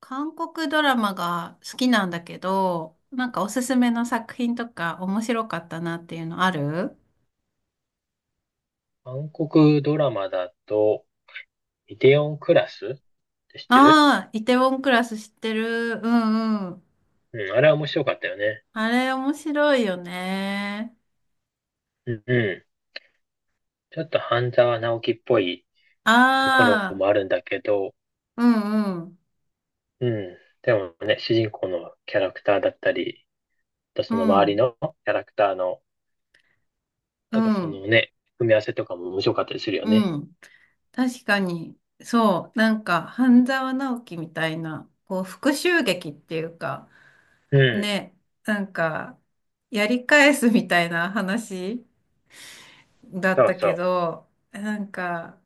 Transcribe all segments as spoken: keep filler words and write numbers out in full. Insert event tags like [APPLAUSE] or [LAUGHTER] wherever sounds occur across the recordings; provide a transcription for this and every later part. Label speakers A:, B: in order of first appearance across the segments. A: 韓国ドラマが好きなんだけど、なんかおすすめの作品とか面白かったなっていうのある？
B: 韓国ドラマだと、イテオンクラスって知ってる？
A: ああー、イテウォンクラス知ってる。うんうん。
B: うん、あれは面白かったよね。
A: あれ面白いよね。
B: うん、うん。ちょっと半沢直樹っぽいところ
A: ああ、
B: もあるんだけど、
A: うんうん。
B: うん。でもね、主人公のキャラクターだったり、あと
A: う
B: その周り
A: ん
B: のキャラクターの、
A: う
B: なんかそ
A: ん
B: のね、組み合わせとかも面白かったりするよね。
A: うん。確かに。そう。なんか、半沢直樹みたいな、こう、復讐劇っていうか、
B: うん。
A: ね、なんか、やり返すみたいな話だっ
B: そう
A: たけ
B: そ
A: ど、なんか、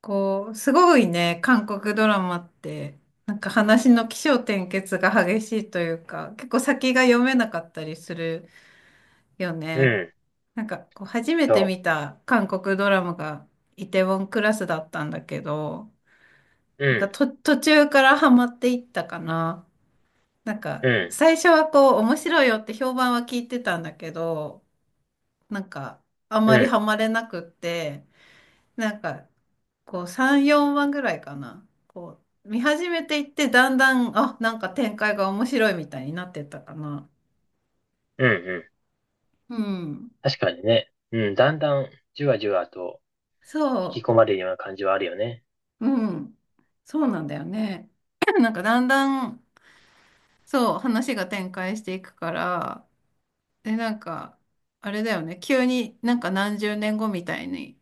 A: こう、すごいね、韓国ドラマって、なんか話の起承転結が激しいというか、結構先が読めなかったりするよ
B: う。う
A: ね。
B: ん。
A: なんか、こう、初めて
B: そ
A: 見た韓国ドラマがイテウォンクラスだったんだけど、
B: う。う
A: なんか
B: ん。
A: と、途中からハマっていったかな。なん
B: う
A: か、
B: ん。
A: 最初はこう、面白いよって評判は聞いてたんだけど、なんか、あ
B: う
A: まり
B: ん。
A: ハマれなくって、なんか、こうさん、よんわぐらいかな。こう見始めていってだんだん、あ、なんか展開が面白いみたいになってったかな。
B: うん。うん。
A: うん。
B: 確かにね。うん。だんだん、じわじわと引き
A: そ
B: 込まれるような感じはあるよね。
A: う。うん。そうなんだよね。[CLEARS THROAT] なんかだんだん、そう、話が展開していくから、で、なんか、あれだよね。急になんか何十年後みたいに、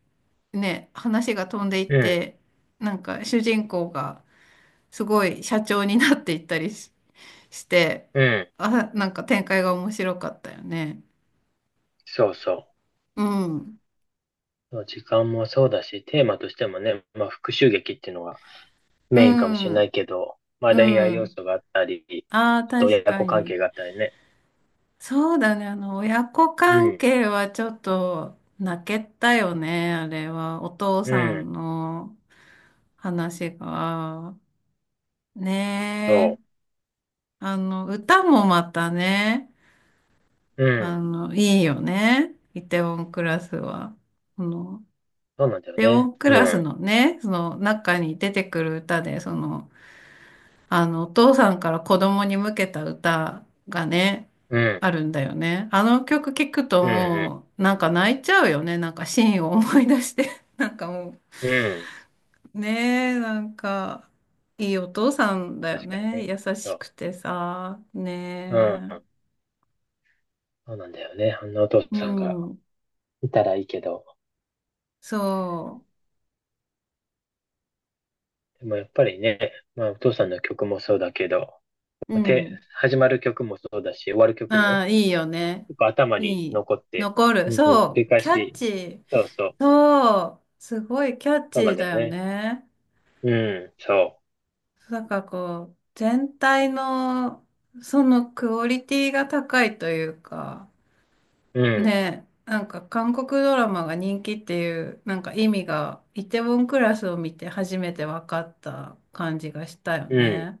A: ね、話が飛んでいっ
B: うん。
A: て、なんか主人公がすごい社長になっていったりして、
B: うん。
A: あ、なんか展開が面白かったよね。
B: そうそ
A: うん。
B: う。時間もそうだし、テーマとしてもね、まあ復讐劇っていうのが
A: う
B: メインかもしれな
A: ん。
B: いけど、まあ
A: う
B: 恋愛要
A: ん。
B: 素があったり、
A: ああ、
B: ちょっと
A: 確
B: 親
A: か
B: 子関係
A: に。
B: があったりね。
A: そうだね。あの、親子
B: う
A: 関
B: ん。
A: 係はちょっと泣けたよね。あれは。お父
B: う
A: さ
B: ん。
A: んの話が。
B: そ
A: ねえ。あの、歌もまたね。
B: う。う
A: あ
B: ん。
A: の、いいよね。イテウォンクラスは。その、
B: そうなんだ
A: イ
B: よ
A: テウォ
B: ね。
A: ンク
B: う
A: ラス
B: ん。
A: のね、その中に出てくる歌で、その、あの、お父さんから子供に向けた歌がね、
B: うん。
A: あるんだよね。あの曲聴くと
B: うん。
A: もう、なんか泣いちゃうよね。なんかシーンを思い出して。[LAUGHS] なんかも
B: うん。うん。
A: う、ねえ、なんか、いいお父さんだよ
B: 確かに
A: ね。
B: ね。
A: 優
B: そ
A: し
B: う。
A: くてさ、
B: うん。
A: ねえ。
B: そうなんだよね。あんなお父
A: う
B: さんが
A: ん、
B: いたらいいけど。
A: そ
B: でもやっぱりね、まあお父さんの曲もそうだけど、
A: う。う
B: て、
A: ん。
B: 始まる曲もそうだし、終わる曲
A: あ
B: も
A: あ、いいよね。
B: 結構頭に
A: いい。
B: 残って、
A: 残る。
B: うん、繰
A: そ
B: り
A: う。
B: 返
A: キャッ
B: し、
A: チー。
B: そうそう、
A: そう。すごいキャッ
B: そ
A: チ
B: うなん
A: ー
B: だ
A: だ
B: よ
A: よ
B: ね。
A: ね。
B: うん、そ
A: なんかこう、全体のそのクオリティが高いというか、
B: う、うん、
A: ね、なんか韓国ドラマが人気っていう、なんか意味がイテウォンクラスを見て初めて分かった感じがしたよ
B: うん、
A: ね。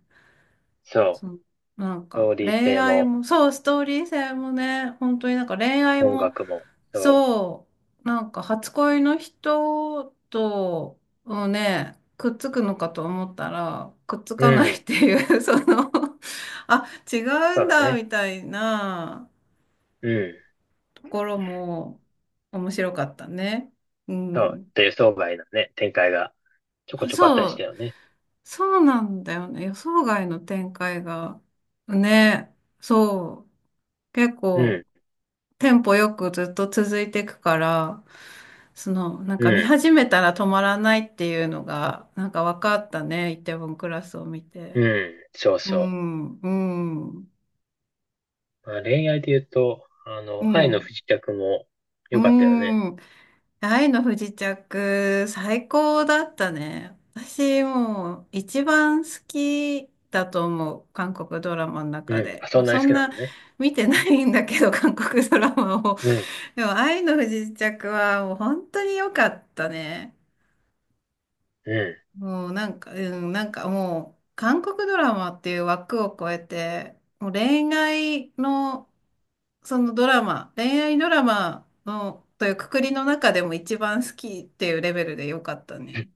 B: そ
A: そ
B: う、
A: のなん
B: スト
A: か
B: ーリー
A: 恋
B: 性
A: 愛
B: も、
A: も、そう、ストーリー性もね、本当になんか恋愛
B: 音
A: も
B: 楽も、そ
A: そう、なんか初恋の人と、をね、くっつくのかと思ったら、くっつ
B: う、う
A: かないっ
B: ん、
A: ていう、[LAUGHS] そのあ、違う
B: そ
A: ん
B: うだ
A: だ、
B: ね。
A: みたいな
B: うん、
A: ところも面白かったね。う
B: そう、
A: ん。
B: っていう相場へのね、展開がちょこちょこあった
A: そ
B: りした
A: う、
B: よね。
A: そうなんだよね。予想外の展開が。ね、そう、結
B: う
A: 構、
B: ん、
A: テンポよくずっと続いていくから、その、なん
B: う
A: か見
B: ん、
A: 始めたら止まらないっていうのが、なんか分かったね、イテウォンクラスを見
B: う
A: て。
B: ん、そう
A: う
B: そ
A: ん、うん、
B: う。まあ、恋愛で言うと、あの、
A: う
B: 愛の
A: ん。
B: 不時着も
A: うー
B: 良かったよね。
A: ん。愛の不時着、最高だったね。私もう一番好きだと思う。韓国ドラマの
B: う
A: 中
B: ん、あ、
A: で。
B: そ
A: まあ、
B: んなに
A: そ
B: 好
A: ん
B: きなん
A: な
B: だね。
A: 見てないんだけど、韓国ドラマを。
B: うん、
A: でも愛の不時着はもう本当に良かったね。
B: うん、
A: もうなんか、うん、なんかもう韓国ドラマっていう枠を超えて、もう恋愛のそのドラマ、恋愛ドラマの、というくくりの中でも一番好きっていうレベルで良かったね。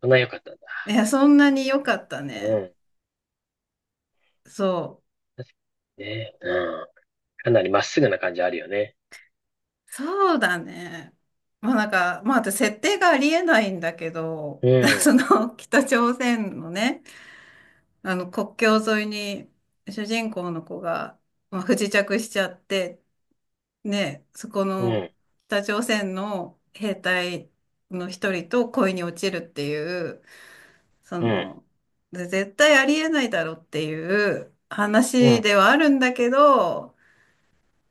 B: そんなに良かったんだ。
A: いや、そんなに良かった
B: う
A: ね。
B: ん、
A: そう。
B: 確かにね。うん。かなりまっすぐな感じあるよね。
A: そうだね。まあなんか、まあ私設定がありえないんだけど、
B: う
A: [LAUGHS] そ
B: ん、
A: の北朝鮮のね、あの国境沿いに主人公の子が、まあ、不時着しちゃって、ね、そこ
B: う
A: の
B: ん、
A: 北朝鮮の兵隊の一人と恋に落ちるっていう、そ
B: うん、
A: の、で絶対ありえないだろうっていう
B: う
A: 話
B: ん、
A: ではあるんだけど、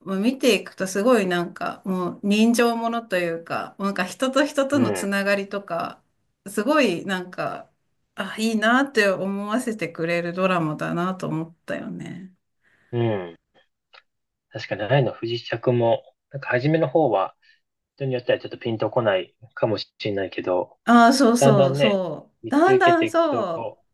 A: もう見ていくとすごいなんか、もう人情ものというか、なんか人と人と
B: う
A: のつ
B: ん、
A: ながりとか、すごいなんか、あ、いいなって思わせてくれるドラマだなと思ったよね。
B: うん。確かに、愛の不時着も、なんか初めの方は、人によってはちょっとピンとこないかもしれないけど、
A: ああ、そう
B: だんだ
A: そう
B: んね、
A: そう。
B: 見
A: だん
B: 続け
A: だ
B: て
A: ん
B: いく
A: そ
B: と、
A: う。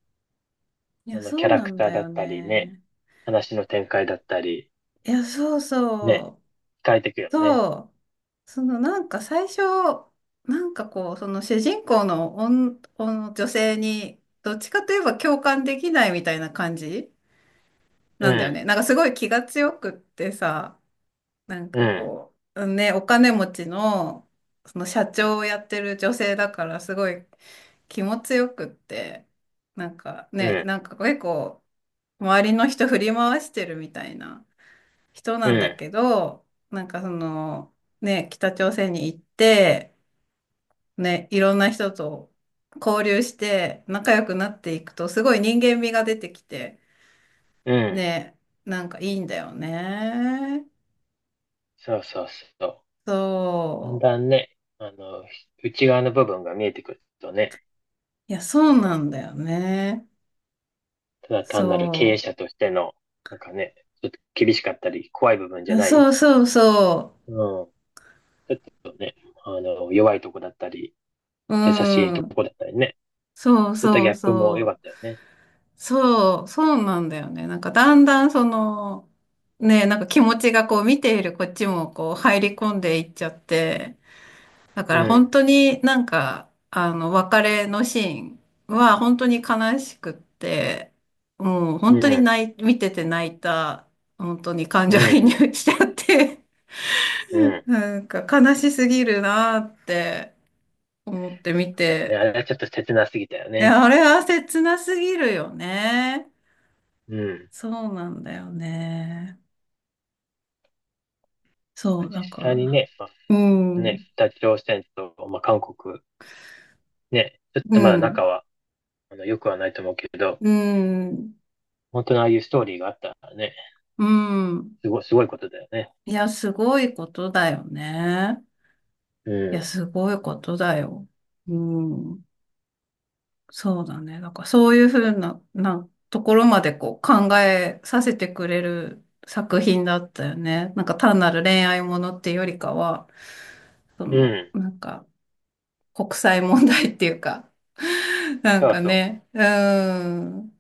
A: い
B: そ
A: や、
B: のキ
A: そ
B: ャ
A: う
B: ラ
A: な
B: ク
A: ん
B: ター
A: だ
B: だ
A: よ
B: ったりね、
A: ね。
B: 話の展開だったり、
A: いや、そう
B: ね、
A: そ
B: 変えていく
A: う。
B: よね。
A: そう、そのなんか最初、なんかこう、その主人公の女、女女性に、どっちかといえば共感できないみたいな感じ
B: う
A: なんだよ
B: ん、
A: ね。なんかすごい気が強くってさ、なん
B: う
A: か
B: ん、
A: こう、ね、お金持ちの、その社長をやってる女性だからすごい気も強くって、なんか
B: う
A: ね、
B: ん、
A: なんか結構周りの人振り回してるみたいな。人な
B: う
A: んだ
B: ん、
A: けど、なんかその、ね、北朝鮮に行って、ね、いろんな人と交流して仲良くなっていくと、すごい人間味が出てきて、
B: うん。
A: ね、なんかいいんだよね。
B: そうそうそう。だん
A: そう。
B: だんね、あの、内側の部分が見えてくるとね、
A: いや、そ
B: あ
A: う
B: の
A: なんだよね。
B: ただ単なる経営
A: そ
B: 者としての、なんかね、ちょっと厳しかったり、怖い部分
A: う。
B: じゃ
A: あ
B: ない。
A: そうそうそ
B: うん。ちょっとね、あの、弱いとこだったり、
A: う。
B: 優しい
A: う
B: と
A: ん。
B: こだったりね。
A: そう
B: そういったギ
A: そう
B: ャップも良か
A: そ
B: った
A: う。
B: よね。
A: そう、そうなんだよね。なんかだんだんその、ね、なんか気持ちがこう見ているこっちもこう入り込んでいっちゃって、だか
B: う
A: ら本
B: ん。
A: 当になんか、あの、別れのシーンは本当に悲しくって、もう
B: う
A: 本当に
B: ん。
A: 泣い、見てて泣いた、本当に感
B: う
A: 情
B: ん。
A: 移
B: うん。
A: 入しちゃって、
B: う
A: [LAUGHS]
B: ん、
A: なんか悲しすぎるなって思って見
B: だよね。
A: て、
B: あれはちょっと切なすぎたよ
A: い
B: ね。
A: や、あれは切なすぎるよね。
B: うん。
A: そうなんだよね。そ
B: 実
A: う、だか
B: 際に
A: ら、
B: ね、ま
A: う
B: あ、
A: ん、う
B: ね、
A: ん、
B: 北朝鮮と、まあ、韓国、ね、ちょっとまだ仲は、あの、良くはないと思うけど、
A: うん、
B: 本当のああいうストーリーがあったらね、
A: うん。
B: すごい、すごいことだよね。
A: いや、すごいことだよね。
B: う
A: いや、
B: ん。
A: すごいことだよ。うん、そうだね。だから、そういうふうな、な、ところまでこう考えさせてくれる作品だったよね。なんか単なる恋愛ものっていうよりかは、そ
B: う
A: の、
B: ん。
A: なんか、国際問題っていうか、[LAUGHS] なん
B: そう
A: か
B: そう。
A: ね、うん、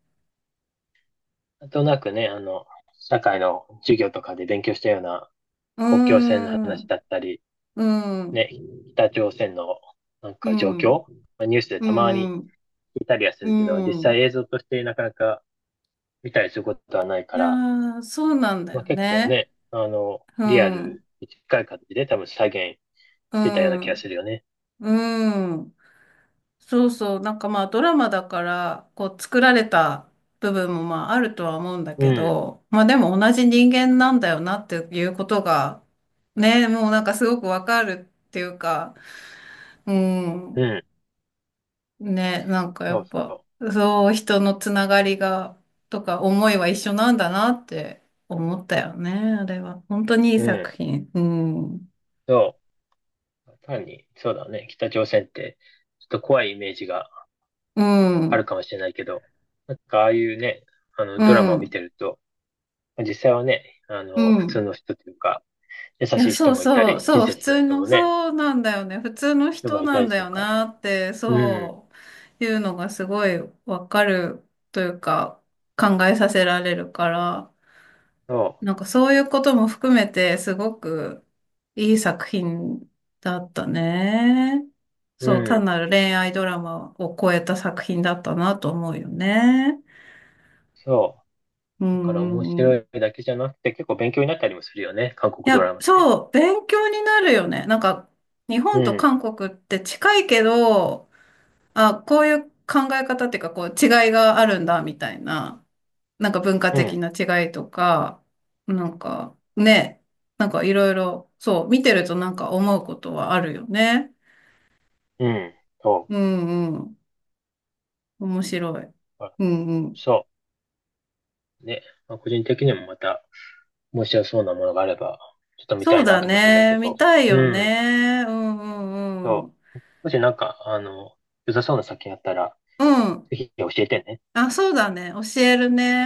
B: なんとなくね、あの、社会の授業とかで勉強したような
A: う
B: 国境線の話
A: ん、
B: だったり、
A: うん、
B: ね、北朝鮮のなん
A: う
B: か状
A: ん。
B: 況、まあニュースで
A: う
B: たまに
A: ん
B: 聞いたりはす
A: う
B: るけど、実
A: ん、う
B: 際
A: ん。
B: 映像としてなかなか見たりすることはない
A: い
B: か
A: や
B: ら、
A: ー、そうなんだ
B: まあ、
A: よ
B: 結構
A: ね。
B: ね、あの、
A: う
B: リアル
A: ん、
B: に近い形で多分再現
A: う
B: してたような気が
A: ん、
B: するよね。
A: うん。そうそう。なんかまあドラマだから、こう作られた部分もまああるとは思うんだ
B: う
A: け
B: ん、
A: ど、まあでも同じ人間なんだよなっていうことが、ね、もうなんかすごくわかるっていうか、う
B: う
A: ん。
B: ん、
A: ね、なんかや
B: そう
A: っぱ、
B: そ
A: そう、人のつながりが、とか思いは一緒なんだなって思ったよね、あれは。本当にいい
B: う。う
A: 作
B: ん、
A: 品。うん。
B: そう。単に、そうだね、北朝鮮ってちょっと怖いイメージが
A: う
B: ある
A: ん。
B: かもしれないけど、なんかああいうね、あの、
A: う
B: ドラマを見
A: ん。
B: てると、実際はね、あ
A: う
B: の、普通
A: ん。
B: の人というか、優
A: いや、
B: しい
A: そ
B: 人
A: う
B: もいた
A: そう、
B: り、親
A: そう、普
B: 切な
A: 通
B: 人
A: の、
B: もね、
A: そうなんだよね。普通の
B: 人が
A: 人
B: い
A: な
B: た
A: ん
B: り
A: だ
B: する
A: よ
B: から。
A: なって、
B: うん、
A: そういうのがすごいわかるというか、考えさせられるから、
B: そ
A: なんかそういうことも含めて、すごくいい作品だったね。
B: う、う
A: そう、単
B: ん、
A: なる恋愛ドラマを超えた作品だったなと思うよね。
B: そ
A: う
B: う。だか
A: ん
B: ら
A: う
B: 面
A: んう
B: 白い
A: ん。
B: だけじゃなくて、結構勉強になったりもするよね、韓
A: い
B: 国ド
A: や、
B: ラマって。
A: そう、勉強になるよね。なんか、日
B: う
A: 本と
B: ん、
A: 韓国って近いけど、あ、こういう考え方っていうか、こう違いがあるんだ、みたいな。なんか文化
B: う
A: 的
B: ん、
A: な違いとか、なんかね、なんかいろいろ、そう、見てるとなんか思うことはあるよね。
B: うん、そ
A: うんうん。面白い。
B: う。あ、
A: うんうん。
B: そう。ね、まあ、個人的にもまた面白そうなものがあれば、ちょっと見
A: そ
B: た
A: う
B: いな
A: だ
B: と思ってんだけ
A: ね。見
B: ど。
A: たい
B: う
A: よ
B: ん、
A: ね。うんうんう
B: そう。
A: ん。
B: もしなんか、あの、良さそうな作品あったら、
A: うん。
B: ぜひ教えてね。
A: あ、そうだね。教えるね。